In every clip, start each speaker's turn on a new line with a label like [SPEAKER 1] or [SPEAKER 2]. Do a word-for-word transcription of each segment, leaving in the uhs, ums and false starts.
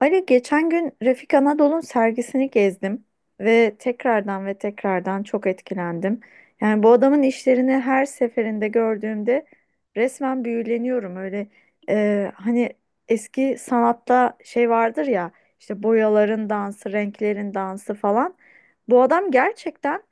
[SPEAKER 1] Ali geçen gün Refik Anadol'un sergisini gezdim ve tekrardan ve tekrardan çok etkilendim. Yani bu adamın işlerini her seferinde gördüğümde resmen büyüleniyorum. Öyle e, hani eski sanatta şey vardır ya, işte boyaların dansı, renklerin dansı falan. Bu adam gerçekten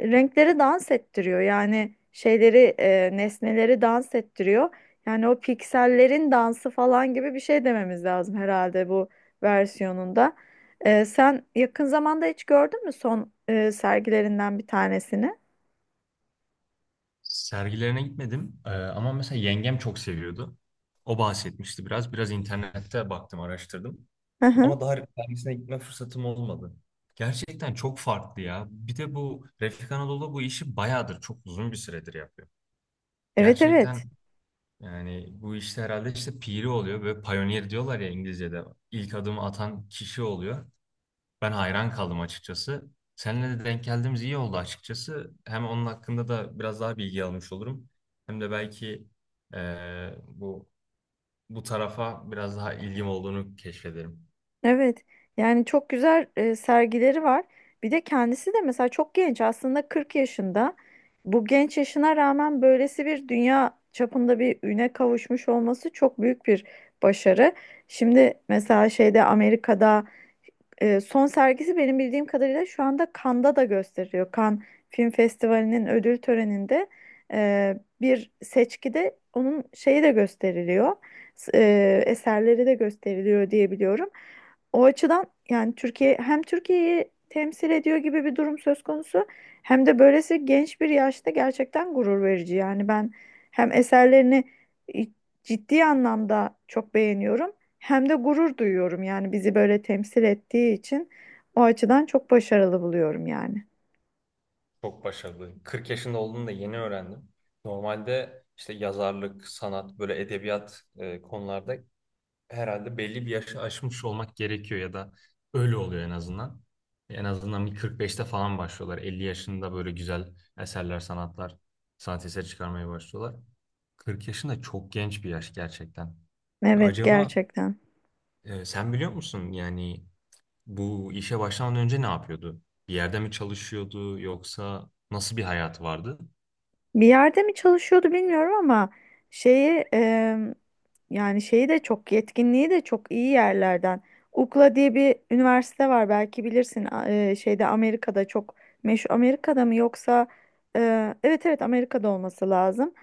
[SPEAKER 1] renkleri dans ettiriyor. Yani şeyleri, e, nesneleri dans ettiriyor. Yani o piksellerin dansı falan gibi bir şey dememiz lazım herhalde bu versiyonunda. Ee, sen yakın zamanda hiç gördün mü son e, sergilerinden bir tanesini?
[SPEAKER 2] Sergilerine gitmedim. Ee, ama mesela yengem çok seviyordu. O bahsetmişti biraz. Biraz internette baktım, araştırdım.
[SPEAKER 1] Hı hı.
[SPEAKER 2] Ama daha sergisine gitme fırsatım olmadı. Gerçekten çok farklı ya. Bir de bu Refik Anadolu bu işi bayağıdır, çok uzun bir süredir yapıyor.
[SPEAKER 1] Evet,
[SPEAKER 2] Gerçekten
[SPEAKER 1] evet.
[SPEAKER 2] yani bu işte herhalde işte piri oluyor. Böyle pioneer diyorlar ya İngilizce'de. İlk adımı atan kişi oluyor. Ben hayran kaldım açıkçası. Seninle de denk geldiğimiz iyi oldu açıkçası. Hem onun hakkında da biraz daha bilgi almış olurum. Hem de belki eee, bu bu tarafa biraz daha ilgim olduğunu keşfederim.
[SPEAKER 1] Evet. Yani çok güzel e, sergileri var. Bir de kendisi de mesela çok genç, aslında kırk yaşında. Bu genç yaşına rağmen böylesi bir dünya çapında bir üne kavuşmuş olması çok büyük bir başarı. Şimdi mesela şeyde, Amerika'da, Ee, son sergisi benim bildiğim kadarıyla şu anda Cannes'da da gösteriliyor. Cannes Film Festivali'nin ödül töreninde e, bir seçkide onun şeyi de gösteriliyor. S- e, eserleri de gösteriliyor diye biliyorum. O açıdan yani Türkiye, hem Türkiye'yi temsil ediyor gibi bir durum söz konusu, hem de böylesi genç bir yaşta gerçekten gurur verici. Yani ben hem eserlerini e, ciddi anlamda çok beğeniyorum. Hem de gurur duyuyorum yani, bizi böyle temsil ettiği için o açıdan çok başarılı buluyorum yani.
[SPEAKER 2] Çok başarılı. kırk yaşında olduğunu da yeni öğrendim. Normalde işte yazarlık, sanat, böyle edebiyat eee, konularda herhalde belli bir yaşı aşmış olmak gerekiyor ya da öyle oluyor en azından. En azından bir kırk beşte falan başlıyorlar. elli yaşında böyle güzel eserler, sanatlar, sanat eseri çıkarmaya başlıyorlar. kırk yaşında çok genç bir yaş gerçekten.
[SPEAKER 1] Evet,
[SPEAKER 2] Acaba
[SPEAKER 1] gerçekten.
[SPEAKER 2] e, sen biliyor musun yani bu işe başlamadan önce ne yapıyordu? Bir yerde mi çalışıyordu yoksa nasıl bir hayatı vardı?
[SPEAKER 1] Bir yerde mi çalışıyordu bilmiyorum ama şeyi e, yani şeyi de, çok yetkinliği de çok iyi yerlerden. U C L A diye bir üniversite var, belki bilirsin, A- e, şeyde, Amerika'da çok meşhur. Amerika'da mı yoksa e, evet, evet, Amerika'da olması lazım.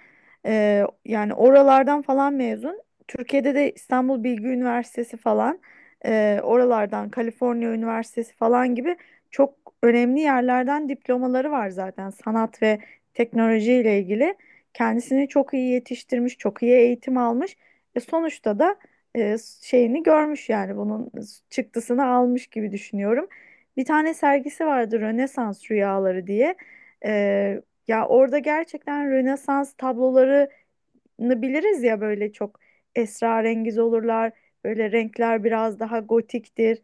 [SPEAKER 1] E, yani oralardan falan mezun. Türkiye'de de İstanbul Bilgi Üniversitesi falan, e, oralardan, Kaliforniya Üniversitesi falan gibi çok önemli yerlerden diplomaları var zaten. Sanat ve teknolojiyle ilgili kendisini çok iyi yetiştirmiş, çok iyi eğitim almış. E, sonuçta da e, şeyini görmüş yani, bunun çıktısını almış gibi düşünüyorum. Bir tane sergisi vardı, Rönesans Rüyaları diye. E, Ya orada gerçekten, Rönesans tabloları biliriz ya, böyle çok esrarengiz olurlar. Böyle renkler biraz daha gotiktir.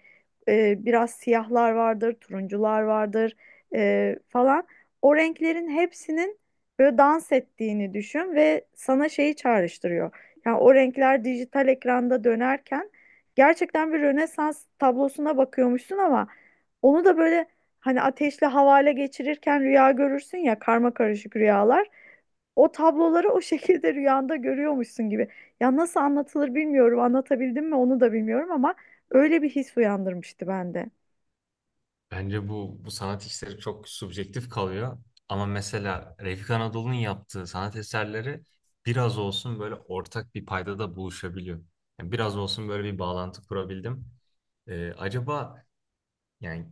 [SPEAKER 1] Ee, biraz siyahlar vardır, turuncular vardır ee, falan. O renklerin hepsinin böyle dans ettiğini düşün, ve sana şeyi çağrıştırıyor. Yani o renkler dijital ekranda dönerken gerçekten bir Rönesans tablosuna bakıyormuşsun, ama onu da böyle, hani ateşle havale geçirirken rüya görürsün ya, karma karışık rüyalar. O tabloları o şekilde rüyanda görüyormuşsun gibi. Ya nasıl anlatılır bilmiyorum. Anlatabildim mi onu da bilmiyorum, ama öyle bir his uyandırmıştı bende.
[SPEAKER 2] Bence bu, bu sanat işleri çok subjektif kalıyor. Ama mesela Refik Anadolu'nun yaptığı sanat eserleri biraz olsun böyle ortak bir paydada buluşabiliyor. Yani biraz olsun böyle bir bağlantı kurabildim. Ee, acaba yani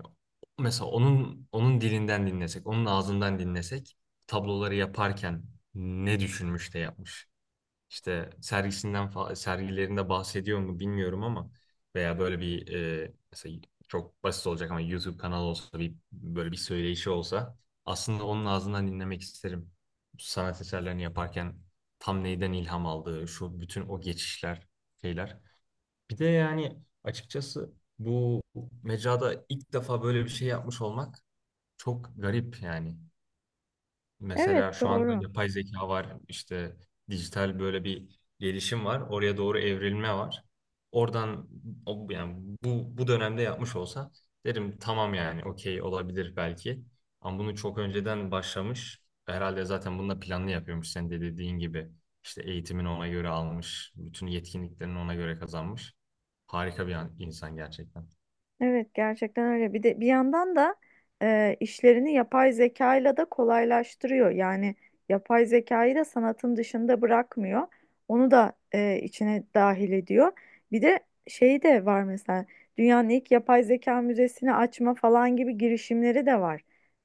[SPEAKER 2] mesela onun onun dilinden dinlesek, onun ağzından dinlesek tabloları yaparken ne düşünmüş de yapmış? İşte sergisinden fa- sergilerinde bahsediyor mu bilmiyorum ama veya böyle bir e, mesela çok basit olacak ama YouTube kanalı olsa bir böyle bir söyleyişi olsa aslında onun ağzından dinlemek isterim. Sanat eserlerini yaparken tam neyden ilham aldığı, şu bütün o geçişler, şeyler. Bir de yani açıkçası bu mecrada ilk defa böyle bir şey yapmış olmak çok garip yani.
[SPEAKER 1] Evet,
[SPEAKER 2] Mesela şu anda
[SPEAKER 1] doğru.
[SPEAKER 2] yapay zeka var, işte dijital böyle bir gelişim var, oraya doğru evrilme var. Oradan o- yani bu bu dönemde yapmış olsa derim tamam yani okey olabilir belki. Ama bunu çok önceden başlamış. Herhalde zaten bunu da planlı yapıyormuş sen de dediğin gibi. İşte eğitimini ona göre almış, bütün yetkinliklerini ona göre kazanmış. Harika bir an- insan gerçekten.
[SPEAKER 1] Evet, gerçekten öyle. Bir de bir yandan da e, işlerini yapay zekayla da kolaylaştırıyor. Yani yapay zekayı da sanatın dışında bırakmıyor. Onu da e, içine dahil ediyor. Bir de şey de var mesela, dünyanın ilk yapay zeka müzesini açma falan gibi girişimleri de var.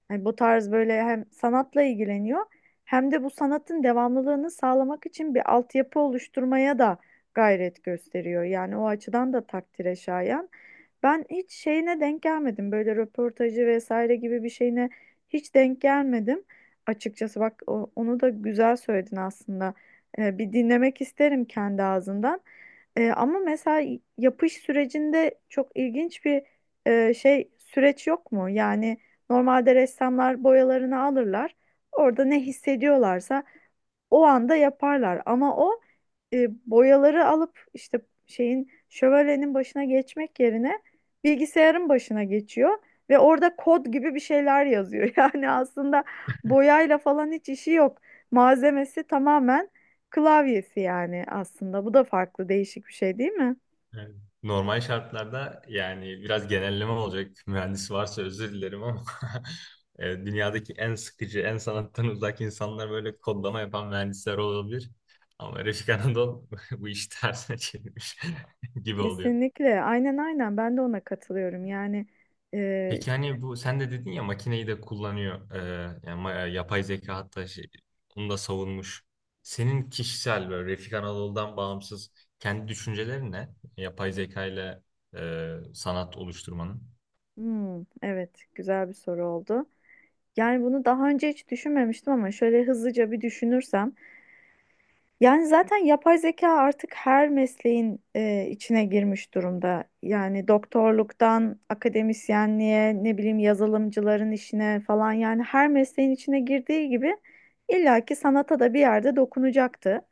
[SPEAKER 1] Hani bu tarz böyle, hem sanatla ilgileniyor, hem de bu sanatın devamlılığını sağlamak için bir altyapı oluşturmaya da gayret gösteriyor. Yani o açıdan da takdire şayan. Ben hiç şeyine denk gelmedim. Böyle röportajı vesaire gibi bir şeyine hiç denk gelmedim. Açıkçası bak, o- onu da güzel söyledin aslında. Ee, bir dinlemek isterim kendi ağzından. Ee, ama mesela yapış sürecinde çok ilginç bir e, şey süreç yok mu? Yani normalde ressamlar boyalarını alırlar. Orada ne hissediyorlarsa o anda yaparlar, ama o e, boyaları alıp, işte şeyin, şövalyenin başına geçmek yerine bilgisayarın başına geçiyor ve orada kod gibi bir şeyler yazıyor. Yani aslında boyayla falan hiç işi yok. Malzemesi tamamen klavyesi yani, aslında. Bu da farklı, değişik bir şey değil mi?
[SPEAKER 2] Evet. Normal şartlarda yani biraz genelleme olacak. Mühendis varsa özür dilerim ama e, dünyadaki en sıkıcı, en sanattan uzak insanlar böyle kodlama yapan mühendisler olabilir. Ama Refik Anadol bu işi tersine çevirmiş gibi oluyor.
[SPEAKER 1] Kesinlikle. Aynen, aynen, ben de ona katılıyorum. Yani e,
[SPEAKER 2] Peki hani bu sen de dedin ya makineyi de kullanıyor. E, yani ma- yapay zeka hatta şey, onu da savunmuş. Senin kişisel böyle Refik Anadol'dan bağımsız kendi düşüncelerin ne? Yapay zeka ile e, sanat oluşturmanın.
[SPEAKER 1] hmm, evet, güzel bir soru oldu. Yani bunu daha önce hiç düşünmemiştim ama şöyle hızlıca bir düşünürsem, yani zaten yapay zeka artık her mesleğin e, içine girmiş durumda. Yani doktorluktan akademisyenliğe, ne bileyim yazılımcıların işine falan, yani her mesleğin içine girdiği gibi illaki sanata da bir yerde dokunacaktı.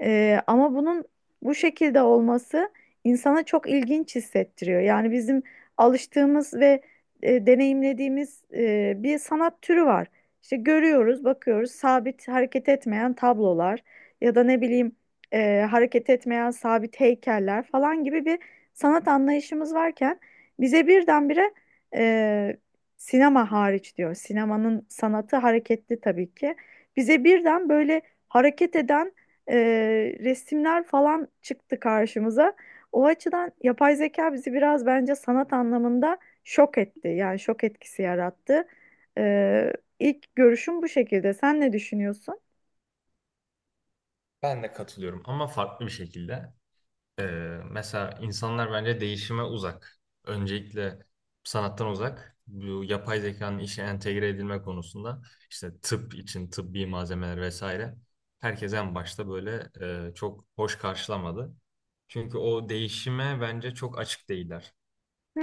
[SPEAKER 1] E, ama bunun bu şekilde olması insana çok ilginç hissettiriyor. Yani bizim alıştığımız ve e, deneyimlediğimiz e, bir sanat türü var. İşte görüyoruz, bakıyoruz, sabit, hareket etmeyen tablolar ya da ne bileyim e, hareket etmeyen sabit heykeller falan gibi bir sanat anlayışımız varken bize birdenbire, e, sinema hariç diyor, sinemanın sanatı hareketli tabii ki. Bize birden böyle hareket eden e, resimler falan çıktı karşımıza. O açıdan yapay zeka bizi biraz bence sanat anlamında şok etti. Yani şok etkisi yarattı. Ee, ilk görüşüm bu şekilde. Sen ne düşünüyorsun?
[SPEAKER 2] Ben de katılıyorum ama farklı bir şekilde. Ee, Mesela insanlar bence değişime uzak. Öncelikle sanattan uzak. Bu yapay zekanın işe entegre edilme konusunda işte tıp için tıbbi malzemeler vesaire. Herkes en başta böyle e, çok hoş karşılamadı. Çünkü o değişime bence çok açık değiller.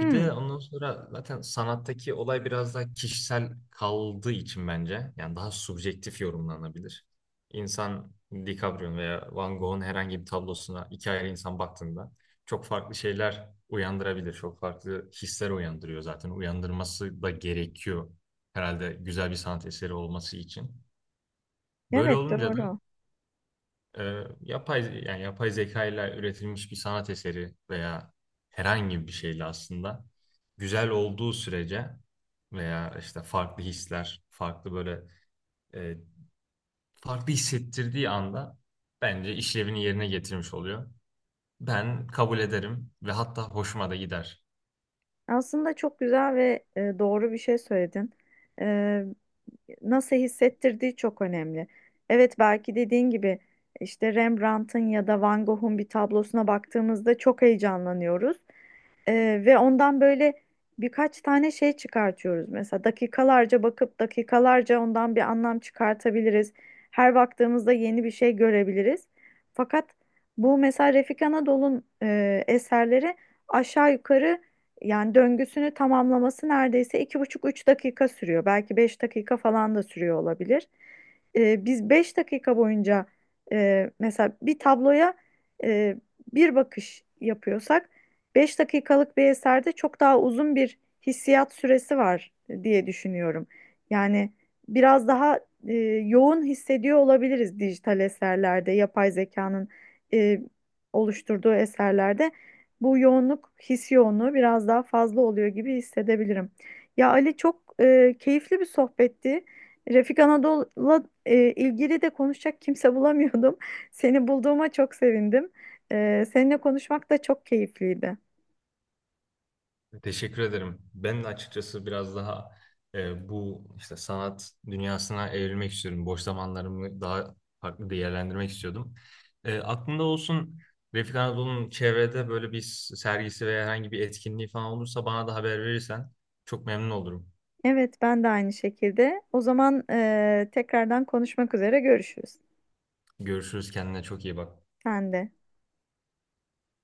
[SPEAKER 2] Bir de ondan sonra zaten sanattaki olay biraz daha kişisel kaldığı için bence yani daha subjektif yorumlanabilir. İnsan DiCaprio'nun veya Van Gogh'un herhangi bir tablosuna iki ayrı insan baktığında çok farklı şeyler uyandırabilir. Çok farklı hisler uyandırıyor zaten. Uyandırması da gerekiyor herhalde güzel bir sanat eseri olması için. Böyle
[SPEAKER 1] evet,
[SPEAKER 2] olunca da
[SPEAKER 1] doğru.
[SPEAKER 2] ee, yapay yani yapay zeka ile üretilmiş bir sanat eseri veya herhangi bir şeyle aslında güzel olduğu sürece veya işte farklı hisler, farklı böyle e, farklı hissettirdiği anda bence işlevini yerine getirmiş oluyor. Ben kabul ederim ve hatta hoşuma da gider.
[SPEAKER 1] Aslında çok güzel ve e, doğru bir şey söyledin. E, Nasıl hissettirdiği çok önemli. Evet, belki dediğin gibi, işte Rembrandt'ın ya da Van Gogh'un bir tablosuna baktığımızda çok heyecanlanıyoruz. Ee, ve ondan böyle birkaç tane şey çıkartıyoruz. Mesela dakikalarca bakıp dakikalarca ondan bir anlam çıkartabiliriz. Her baktığımızda yeni bir şey görebiliriz. Fakat bu mesela Refik Anadol'un e, eserleri aşağı yukarı, yani döngüsünü tamamlaması neredeyse iki buçuk üç dakika sürüyor. Belki beş dakika falan da sürüyor olabilir. Ee, biz beş dakika boyunca e, mesela bir tabloya e, bir bakış yapıyorsak, beş dakikalık bir eserde çok daha uzun bir hissiyat süresi var diye düşünüyorum. Yani biraz daha e, yoğun hissediyor olabiliriz dijital eserlerde, yapay zekanın e, oluşturduğu eserlerde. Bu yoğunluk, his yoğunluğu biraz daha fazla oluyor gibi hissedebilirim. Ya Ali, çok e, keyifli bir sohbetti. Refik Anadolu'la e, ilgili de konuşacak kimse bulamıyordum. Seni bulduğuma çok sevindim. Ee, seninle konuşmak da çok keyifliydi.
[SPEAKER 2] Teşekkür ederim. Ben de açıkçası biraz daha e, bu işte sanat dünyasına evrilmek istiyorum. Boş zamanlarımı daha farklı değerlendirmek istiyordum. E, aklımda olsun, Refik Anadolu'nun çevrede böyle bir sergisi veya herhangi bir etkinliği falan olursa bana da haber verirsen çok memnun olurum.
[SPEAKER 1] Evet, ben de aynı şekilde. O zaman eee, tekrardan konuşmak üzere görüşürüz.
[SPEAKER 2] Görüşürüz, kendine çok iyi bak.
[SPEAKER 1] Sen de.